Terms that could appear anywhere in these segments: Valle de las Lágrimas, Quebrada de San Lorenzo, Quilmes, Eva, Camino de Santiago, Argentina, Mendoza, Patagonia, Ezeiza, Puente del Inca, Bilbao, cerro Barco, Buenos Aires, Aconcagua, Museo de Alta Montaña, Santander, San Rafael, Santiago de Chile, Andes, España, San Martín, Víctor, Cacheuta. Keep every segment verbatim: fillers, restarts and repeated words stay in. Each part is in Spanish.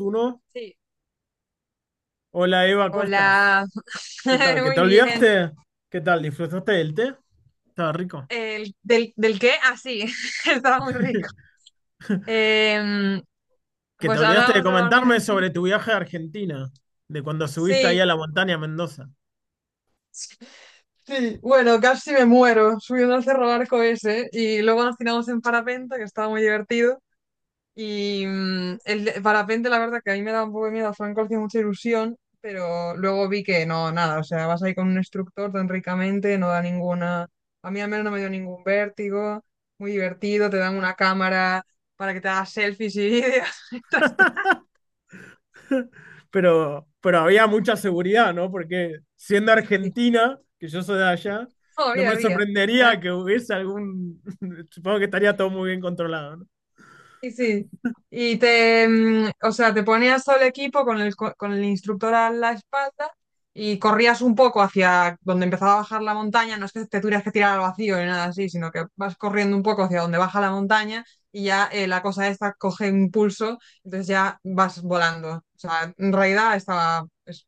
Uno. Sí. Hola Eva, ¿cómo Hola. estás? ¿Qué tal? ¿Que te Muy bien. olvidaste? ¿Qué tal? ¿Disfrutaste del té? Estaba rico. El- del, ¿del qué? Ah, sí. Estaba muy rico. Em, ¿Que te pues olvidaste de hablamos de comentarme Argentina. sobre tu viaje a Argentina? De cuando subiste ahí Sí. a la montaña Mendoza. Sí. Bueno, casi me muero subiendo al cerro Barco ese y luego nos tiramos en parapente, que estaba muy divertido. Y mm, el de parapente, la verdad que a mí me da un poco de miedo, Franco hacía mucha ilusión, pero luego vi que no, nada, o sea, vas ahí con un instructor tan ricamente, no da ninguna, a mí al menos no me dio ningún vértigo, muy divertido, te dan una cámara para que te hagas selfies y vídeos, esto está Pero, pero había mucha seguridad, ¿no? Porque siendo así, argentina, que yo soy de allá, no todavía me había, sorprendería que hubiese algún... Supongo que estaría todo muy bien controlado, ¿no? sí, sí. Y te, mm, o sea, te ponías todo el equipo con el, co- con el instructor a la espalda y corrías un poco hacia donde empezaba a bajar la montaña. No es que te tuvieras que tirar al vacío ni nada así, sino que vas corriendo un poco hacia donde baja la montaña y ya eh, la cosa esta coge impulso, entonces ya vas volando. O sea, en realidad estaba, es-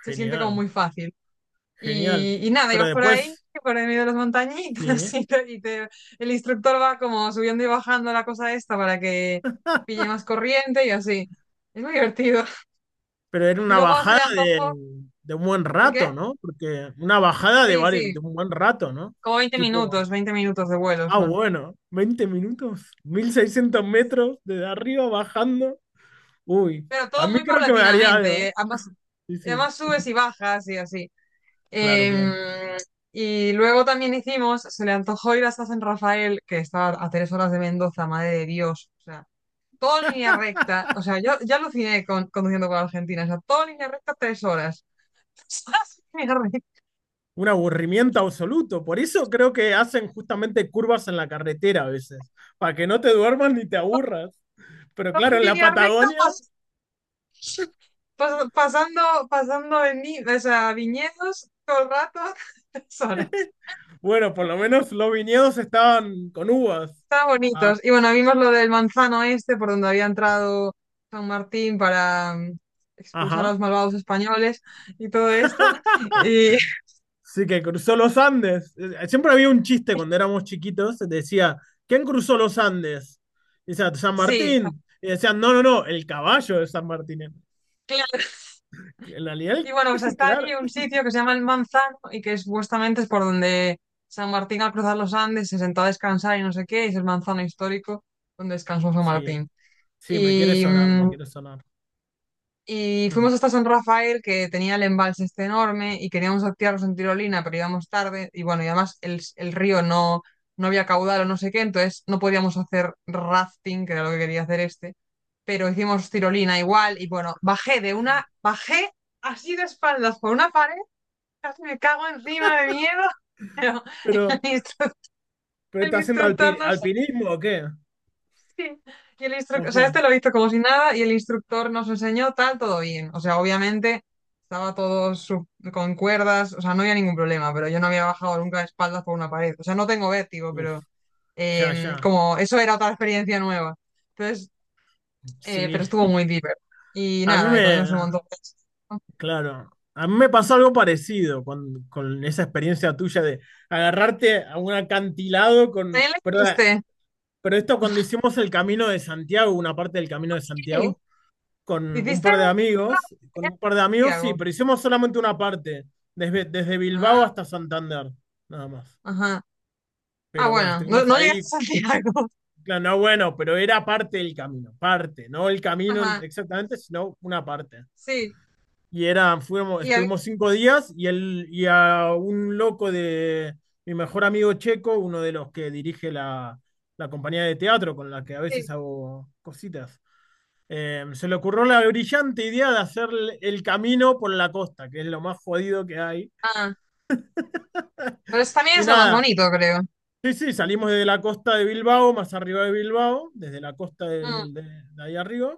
se siente como Genial, muy fácil. genial. Y, y nada, Pero ibas por ahí, después, por en medio de las sí. montañitas, y, te- y te- el instructor va como subiendo y bajando la cosa esta para que pille más corriente y así. Es muy divertido. Pero era Y una luego se bajada le de, antojó, de un buen ¿el rato, qué? ¿no? Porque una bajada de, Sí, vari- de sí, un buen rato, ¿no? como veinte Tipo, minutos, veinte minutos de vuelo ah, son. bueno, veinte minutos, mil seiscientos metros desde arriba bajando. Uy, Pero a todo mí muy creo que me daría algo, paulatinamente, ¿eh? eh, ambas, Sí, sí, además subes y bajas y así. claro, Em, claro. y luego también hicimos, se le antojó ir hasta San Rafael, que está a tres horas de Mendoza, madre de Dios. O sea, todo en línea recta. O sea, yo ya aluciné con, conduciendo con Argentina. O sea, todo en línea recta, tres horas. Todo en línea recta, Un aburrimiento absoluto. Por eso creo que hacen justamente curvas en la carretera a veces, para que no te duermas ni te aburras. Pero todo claro, en en la línea recta, Patagonia, pas- pas- pasando, pasando en, vi- o sea, viñedos todo el rato, tres horas. bueno, por lo menos los viñedos estaban con uvas. Estaban Ah, bonitos. Y bueno, vimos lo del manzano este, por donde había entrado San Martín para mm, expulsar a los ajá. malvados españoles y todo esto. Y Sí, que cruzó los Andes. Eh, Siempre había un chiste cuando éramos chiquitos, decía, ¿quién cruzó los Andes? Y decía, San sí, Martín. Y decían, no, no, no, el caballo de San Martín. En realidad, y el- bueno, pues está claro. allí un sitio que se llama El Manzano y que supuestamente es por donde San Martín al cruzar los Andes se sentó a descansar y no sé qué, y es el manzano histórico donde descansó San Sí, Martín. sí, me quiere Y, sonar, me mm, quiere sonar. y Mm. fuimos hasta San Rafael, que tenía el embalse este enorme y queríamos activarnos en tirolina, pero íbamos tarde y bueno, y además el, el río no, no había caudal o no sé qué, entonces no podíamos hacer rafting, que era lo que quería hacer este, pero hicimos tirolina igual y bueno, bajé de una, bajé así de espaldas por una pared casi me cago encima de miedo, pero Pero, el instructor, ¿pero el está haciendo instructor alpi- nos... alpinismo o qué? sí. Y el instructor, ¿O o qué? sea, este lo hizo como si nada y el instructor nos enseñó tal, todo bien. O sea, obviamente estaba todo su- con cuerdas, o sea, no había ningún problema, pero yo no había bajado nunca de espaldas por una pared. O sea, no tengo vértigo, Uf, pero ya, eh, ya. como eso era otra experiencia nueva. Entonces, eh, pero Sí. estuvo muy deeper. Y A mí nada, y me, comimos un montón de cosas. claro, a mí me pasó algo parecido con, con esa experiencia tuya de agarrarte a un acantilado ¿Qué con, le pero hiciste? Pero esto cuando hicimos el Camino de Santiago, una parte del Camino de Sí. Santiago, con un ¿Hiciste? par de No, amigos, con un par de amigos, sí, Santiago. pero hicimos solamente una parte, desde, desde Bilbao Ah, hasta Santander, nada más. ajá. Ah, Pero bueno, bueno, no, estuvimos no ahí, llegaste a Santiago. claro, no bueno, pero era parte del camino, parte, no el camino Ajá, exactamente, sino una parte. sí. Y era, fuimos, Y a- estuvimos cinco días y, el, y a un loco de mi mejor amigo checo, uno de los que dirige la, la compañía de teatro con la que a veces sí. hago cositas. Eh, se le ocurrió la brillante idea de hacer el- camino por la costa, que es lo más jodido que hay. Ah, pero eso también Y es lo más nada, bonito, creo. sí, sí, salimos desde la costa de Bilbao, más arriba de Bilbao, desde la costa Mm, del- de, de ahí arriba,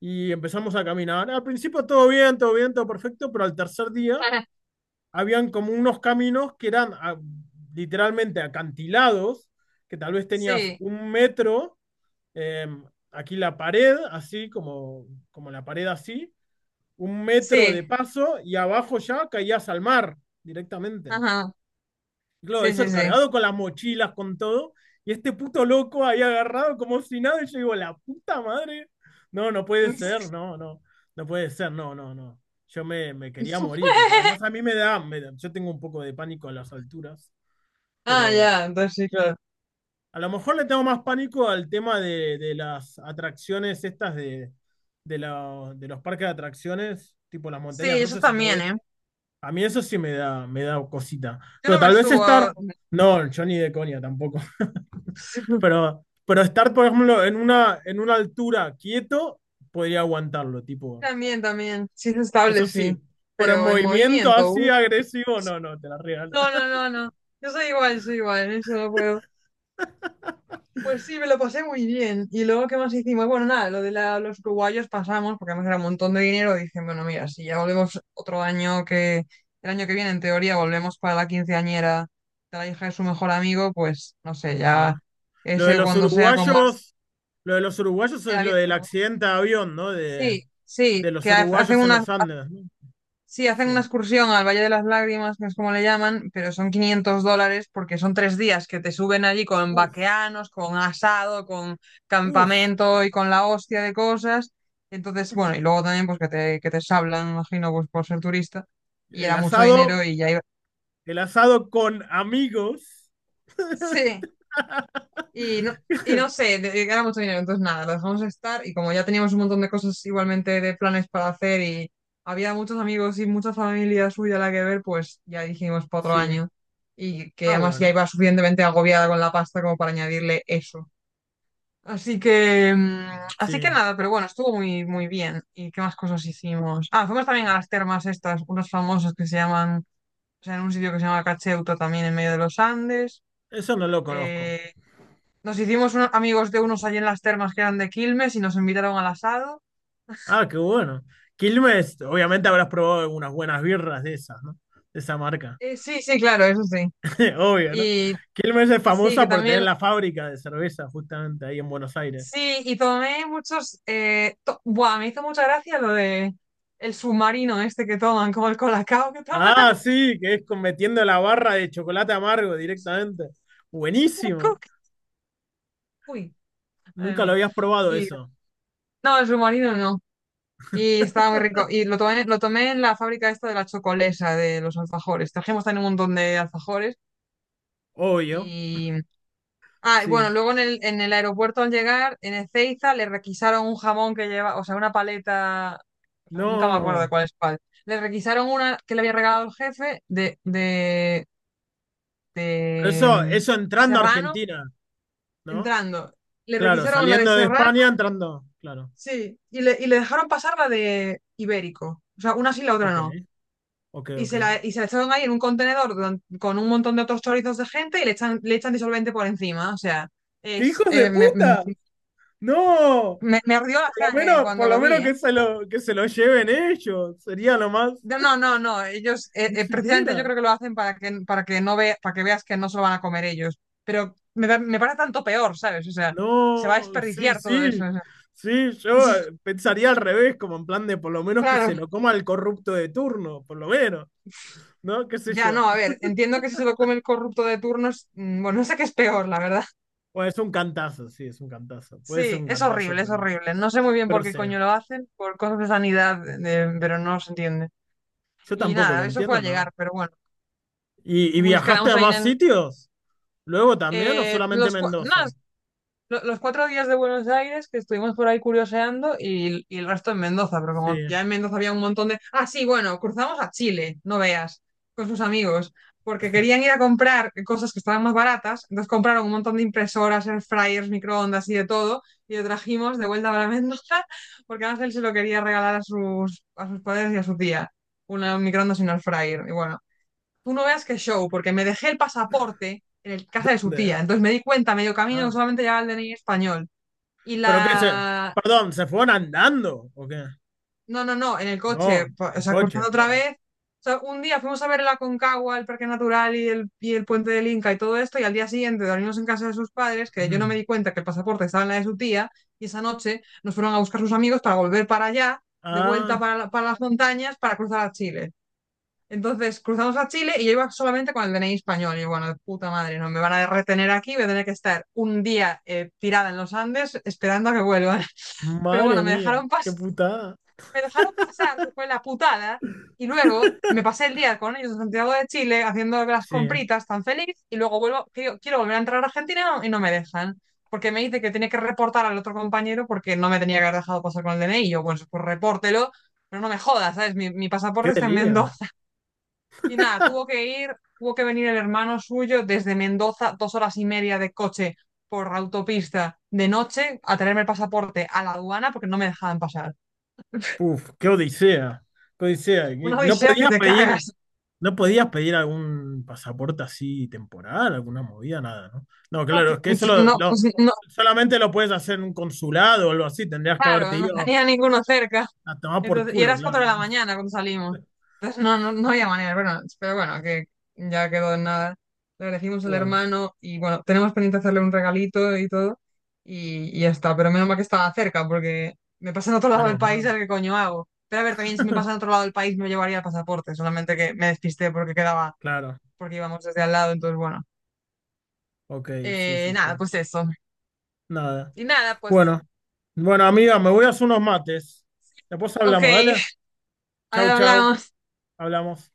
y empezamos a caminar. Al principio todo bien, todo bien, todo perfecto, pero al tercer día habían como unos caminos que eran ah, literalmente acantilados, que tal vez tenías sí, un metro, eh, aquí la pared, así como, como la pared así un metro de sí. paso y abajo ya caías al mar directamente. Ajá, Y claro, sí, sí, eso sí. cargado con las mochilas, con todo. Y este puto loco ahí agarrado como si nada. Y yo digo, la puta madre. No, no puede ser, no, no. No puede ser, no, no, no. Yo me, me quería morir, porque además a mí me da, me da- yo tengo un poco de pánico a las alturas, Ah, pero ya, entonces sí, claro. a lo mejor le tengo más pánico al tema de, de las atracciones estas de, de, la- de los parques de atracciones, tipo las montañas Sí, yo rusas y todo también, ¿eh? esto. A mí eso sí me da, me da cosita. Yo Pero no me tal vez subo estar. a... No, yo ni de coña tampoco. Pero, pero estar, por ejemplo, en una, en una altura quieto, podría aguantarlo, tipo. También, también. Sí, es Eso estable, sí. sí. Pero en Pero en movimiento movimiento. así uh. agresivo, no, no, te la regalo. No, no, no, no. Yo soy igual, soy igual. Eso no puedo. Pues sí, me lo pasé muy bien. Y luego, ¿qué más hicimos? Bueno, nada, lo de la- los uruguayos pasamos, porque además era un montón de dinero. Y dije, bueno, mira, si ya volvemos otro año que, el año que viene, en teoría, volvemos para la quinceañera de la hija de su mejor amigo, pues no sé, ya Ah. Lo de ese los cuando sea con más. uruguayos, lo de los uruguayos es era lo bien- del accidente de avión, ¿no? De, Sí, sí, de los que ha- hacen uruguayos en una, los Andes, ¿no? sí, hacen Sí. una excursión al Valle de las Lágrimas, que es como le llaman, pero son quinientos dólares porque son tres días que te suben allí con Uf, vaqueanos, con asado, con uf. campamento y con la hostia de cosas. Entonces, bueno, y luego también pues que te, que te sablan, imagino, pues por ser turista. Y El era mucho dinero asado, y ya iba. el asado con amigos. Sí. Y no, y no sé, de- era mucho dinero, entonces nada, lo dejamos estar y como ya teníamos un montón de cosas igualmente de planes para hacer y había muchos amigos y mucha familia suya a la que ver, pues ya dijimos para otro Sí. año y que Ah, además ya bueno, iba suficientemente agobiada con la pasta como para añadirle eso. Así que, mm, así sí, que nada, pero bueno, estuvo muy, muy bien. ¿Y qué más cosas hicimos? Ah, fuimos también a las termas estas, unas famosas que se llaman, o sea, en un sitio que se llama Cacheuta también en medio de los Andes. eso no lo conozco. Eh, Nos hicimos unos amigos de unos allí en las termas que eran de Quilmes y nos invitaron al asado. Ah, qué bueno. Quilmes, obviamente habrás probado unas buenas birras de esas, ¿no? De esa marca. Eh, sí, sí, claro, eso sí. Obvio, ¿no? Y Quilmes es sí, famosa que por tener también, la fábrica de cerveza justamente ahí en Buenos Aires. sí, y tomé muchos, eh, to- buah, me hizo mucha gracia lo de el submarino este que toman, como el colacao que toman Ah, ahí. sí, que es con- metiendo la barra de chocolate amargo directamente. En la Buenísimo. coca. Uy, madre Nunca lo mía. habías probado Y eso. no, el submarino no. Y estaba muy rico. Y lo tomé, lo tomé en la fábrica esta de la chocolesa, de los alfajores. Trajimos también un montón de alfajores Obvio, y ah, y bueno, sí. luego en el, en el aeropuerto al llegar, en Ezeiza, le requisaron un jamón que lleva, o sea, una paleta, nunca me acuerdo de No, cuál es cuál. Le requisaron una que le había regalado el jefe de, de, pero de eso, mm, eso entrando a Serrano Argentina, ¿no? entrando. Le Claro, requisaron la de saliendo de Serrano, España, entrando, claro. sí, y le, y le dejaron pasar la de Ibérico. O sea, una sí, la otra Ok. no. Ok, Y ok. Se la, y se la echaron ahí en un contenedor don- con un montón de otros chorizos de gente y le echan, le echan disolvente por encima. O sea, ¡Qué es, hijos de eh, me- mm, puta! ¡No! me, me ardió la Por lo sangre menos, cuando por lo lo vi, menos ¿eh? que se lo, que se lo lleven ellos. Sería lo más. No, no, no, no, ellos, eh, Ni eh, precisamente yo siquiera. creo que lo hacen para que, para que no vea, para que veas que no se lo van a comer ellos. Pero me, da- me parece tanto peor, ¿sabes? O sea, se va a No, sí, desperdiciar todo sí. eso. O sea. Sí, yo eh, pensaría al revés, como en plan de por lo menos que Claro, se lo coma el corrupto de turno, por lo menos, ¿no? ¿Qué sé ya yo? no, a ver, entiendo que si se lo come el corrupto de turnos, mm, bueno, no sé qué es peor, la verdad. Bueno, es un cantazo, sí, es un cantazo. Puede ser Sí, un es cantazo, horrible, es pero, horrible. No sé muy bien pero por qué sí. coño lo hacen, por cosas de sanidad, de- pero no se entiende. Yo Y tampoco lo nada, eso fue entiendo, a ¿no? llegar, pero bueno, ¿Y, y nos viajaste quedamos a ahí más en... sitios? ¿Luego también o eh, solamente los, cua- Mendoza? nada, lo- los cuatro días de Buenos Aires que estuvimos por ahí curioseando y, y el resto en Mendoza, pero como Sí. ya en Mendoza había un montón de... Ah, sí, bueno, cruzamos a Chile, no veas, con sus amigos, porque querían ir a comprar cosas que estaban más baratas, entonces compraron un montón de impresoras, air fryers, microondas y de todo, y lo trajimos de vuelta para Mendoza, porque Ángel se lo quería regalar a sus, a sus padres y a su tía, una microondas y un air fryer, y bueno, tú no veas qué show, porque me dejé el pasaporte en el casa de su ¿Dónde? tía. Entonces me di cuenta medio camino que Ah. solamente llevaba el D N I español. Y ¿Pero qué se? la... Perdón, ¿se fueron andando o qué? No, no, no, en el No, coche, pa- o en sea, coche, cruzando otra claro. vez. O sea, un día fuimos a ver el Aconcagua, el Parque Natural y el, y el Puente del Inca y todo esto, y al día siguiente dormimos en casa de sus padres, que yo no me Mm. di cuenta que el pasaporte estaba en la de su tía, y esa noche nos fueron a buscar sus amigos para volver para allá, de vuelta Ah, para, la para las montañas, para cruzar a Chile. Entonces cruzamos a Chile y yo iba solamente con el D N I español. Y bueno, de puta madre, no me van a retener aquí, voy a tener que estar un día eh, tirada en los Andes esperando a que vuelvan. Pero madre bueno, me mía, dejaron, qué pas putada. me dejaron pasar, que fue la putada. Y luego me pasé el día con ellos en Santiago de Chile haciendo las Sí, eh, compritas tan feliz. Y luego vuelvo, quiero, quiero volver a entrar a Argentina no- y no me dejan. Porque me dice que tiene que reportar al otro compañero porque no me tenía que haber dejado pasar con el D N I. Y yo, bueno, pues repórtelo, pero no me jodas, ¿sabes? Mi, mi qué pasaporte está en delirio. Mendoza. Y nada, tuvo que ir, tuvo que venir el hermano suyo desde Mendoza, dos horas y media de coche por autopista de noche, a traerme el pasaporte a la aduana porque no me dejaban pasar. Puf, qué odisea. Qué odisea. Una Y no odisea que podías te pedir, cagas. no podías pedir algún pasaporte así temporal, alguna movida, nada, ¿no? No, No, claro, que- es que eso lo, no, lo- pues, no, solamente lo puedes hacer en un consulado o algo así. Tendrías que claro, haberte no ido tenía ninguno cerca. a tomar por Entonces, y culo, eras claro, cuatro de la claro. mañana cuando salimos. Entonces no, no, no había manera, bueno, pero bueno, que ya quedó en nada. Le agradecimos al Bueno, hermano y bueno, tenemos pendiente hacerle un regalito y todo. Y, y ya está, pero menos mal que estaba cerca porque me pasa en otro lado del menos país, a mal, ver qué coño hago. Pero a ver, también si me pasa en otro lado del país me llevaría el pasaporte, solamente que me despisté porque quedaba, claro. porque íbamos desde al lado, entonces bueno. Ok, sí, Eh, sí, sí. Nada, pues eso. Nada. Y nada, pues, Bueno, bueno, amiga, me voy a hacer unos mates. Después ok, hablamos, dale. Chau, ahora chau. hablamos. Hablamos.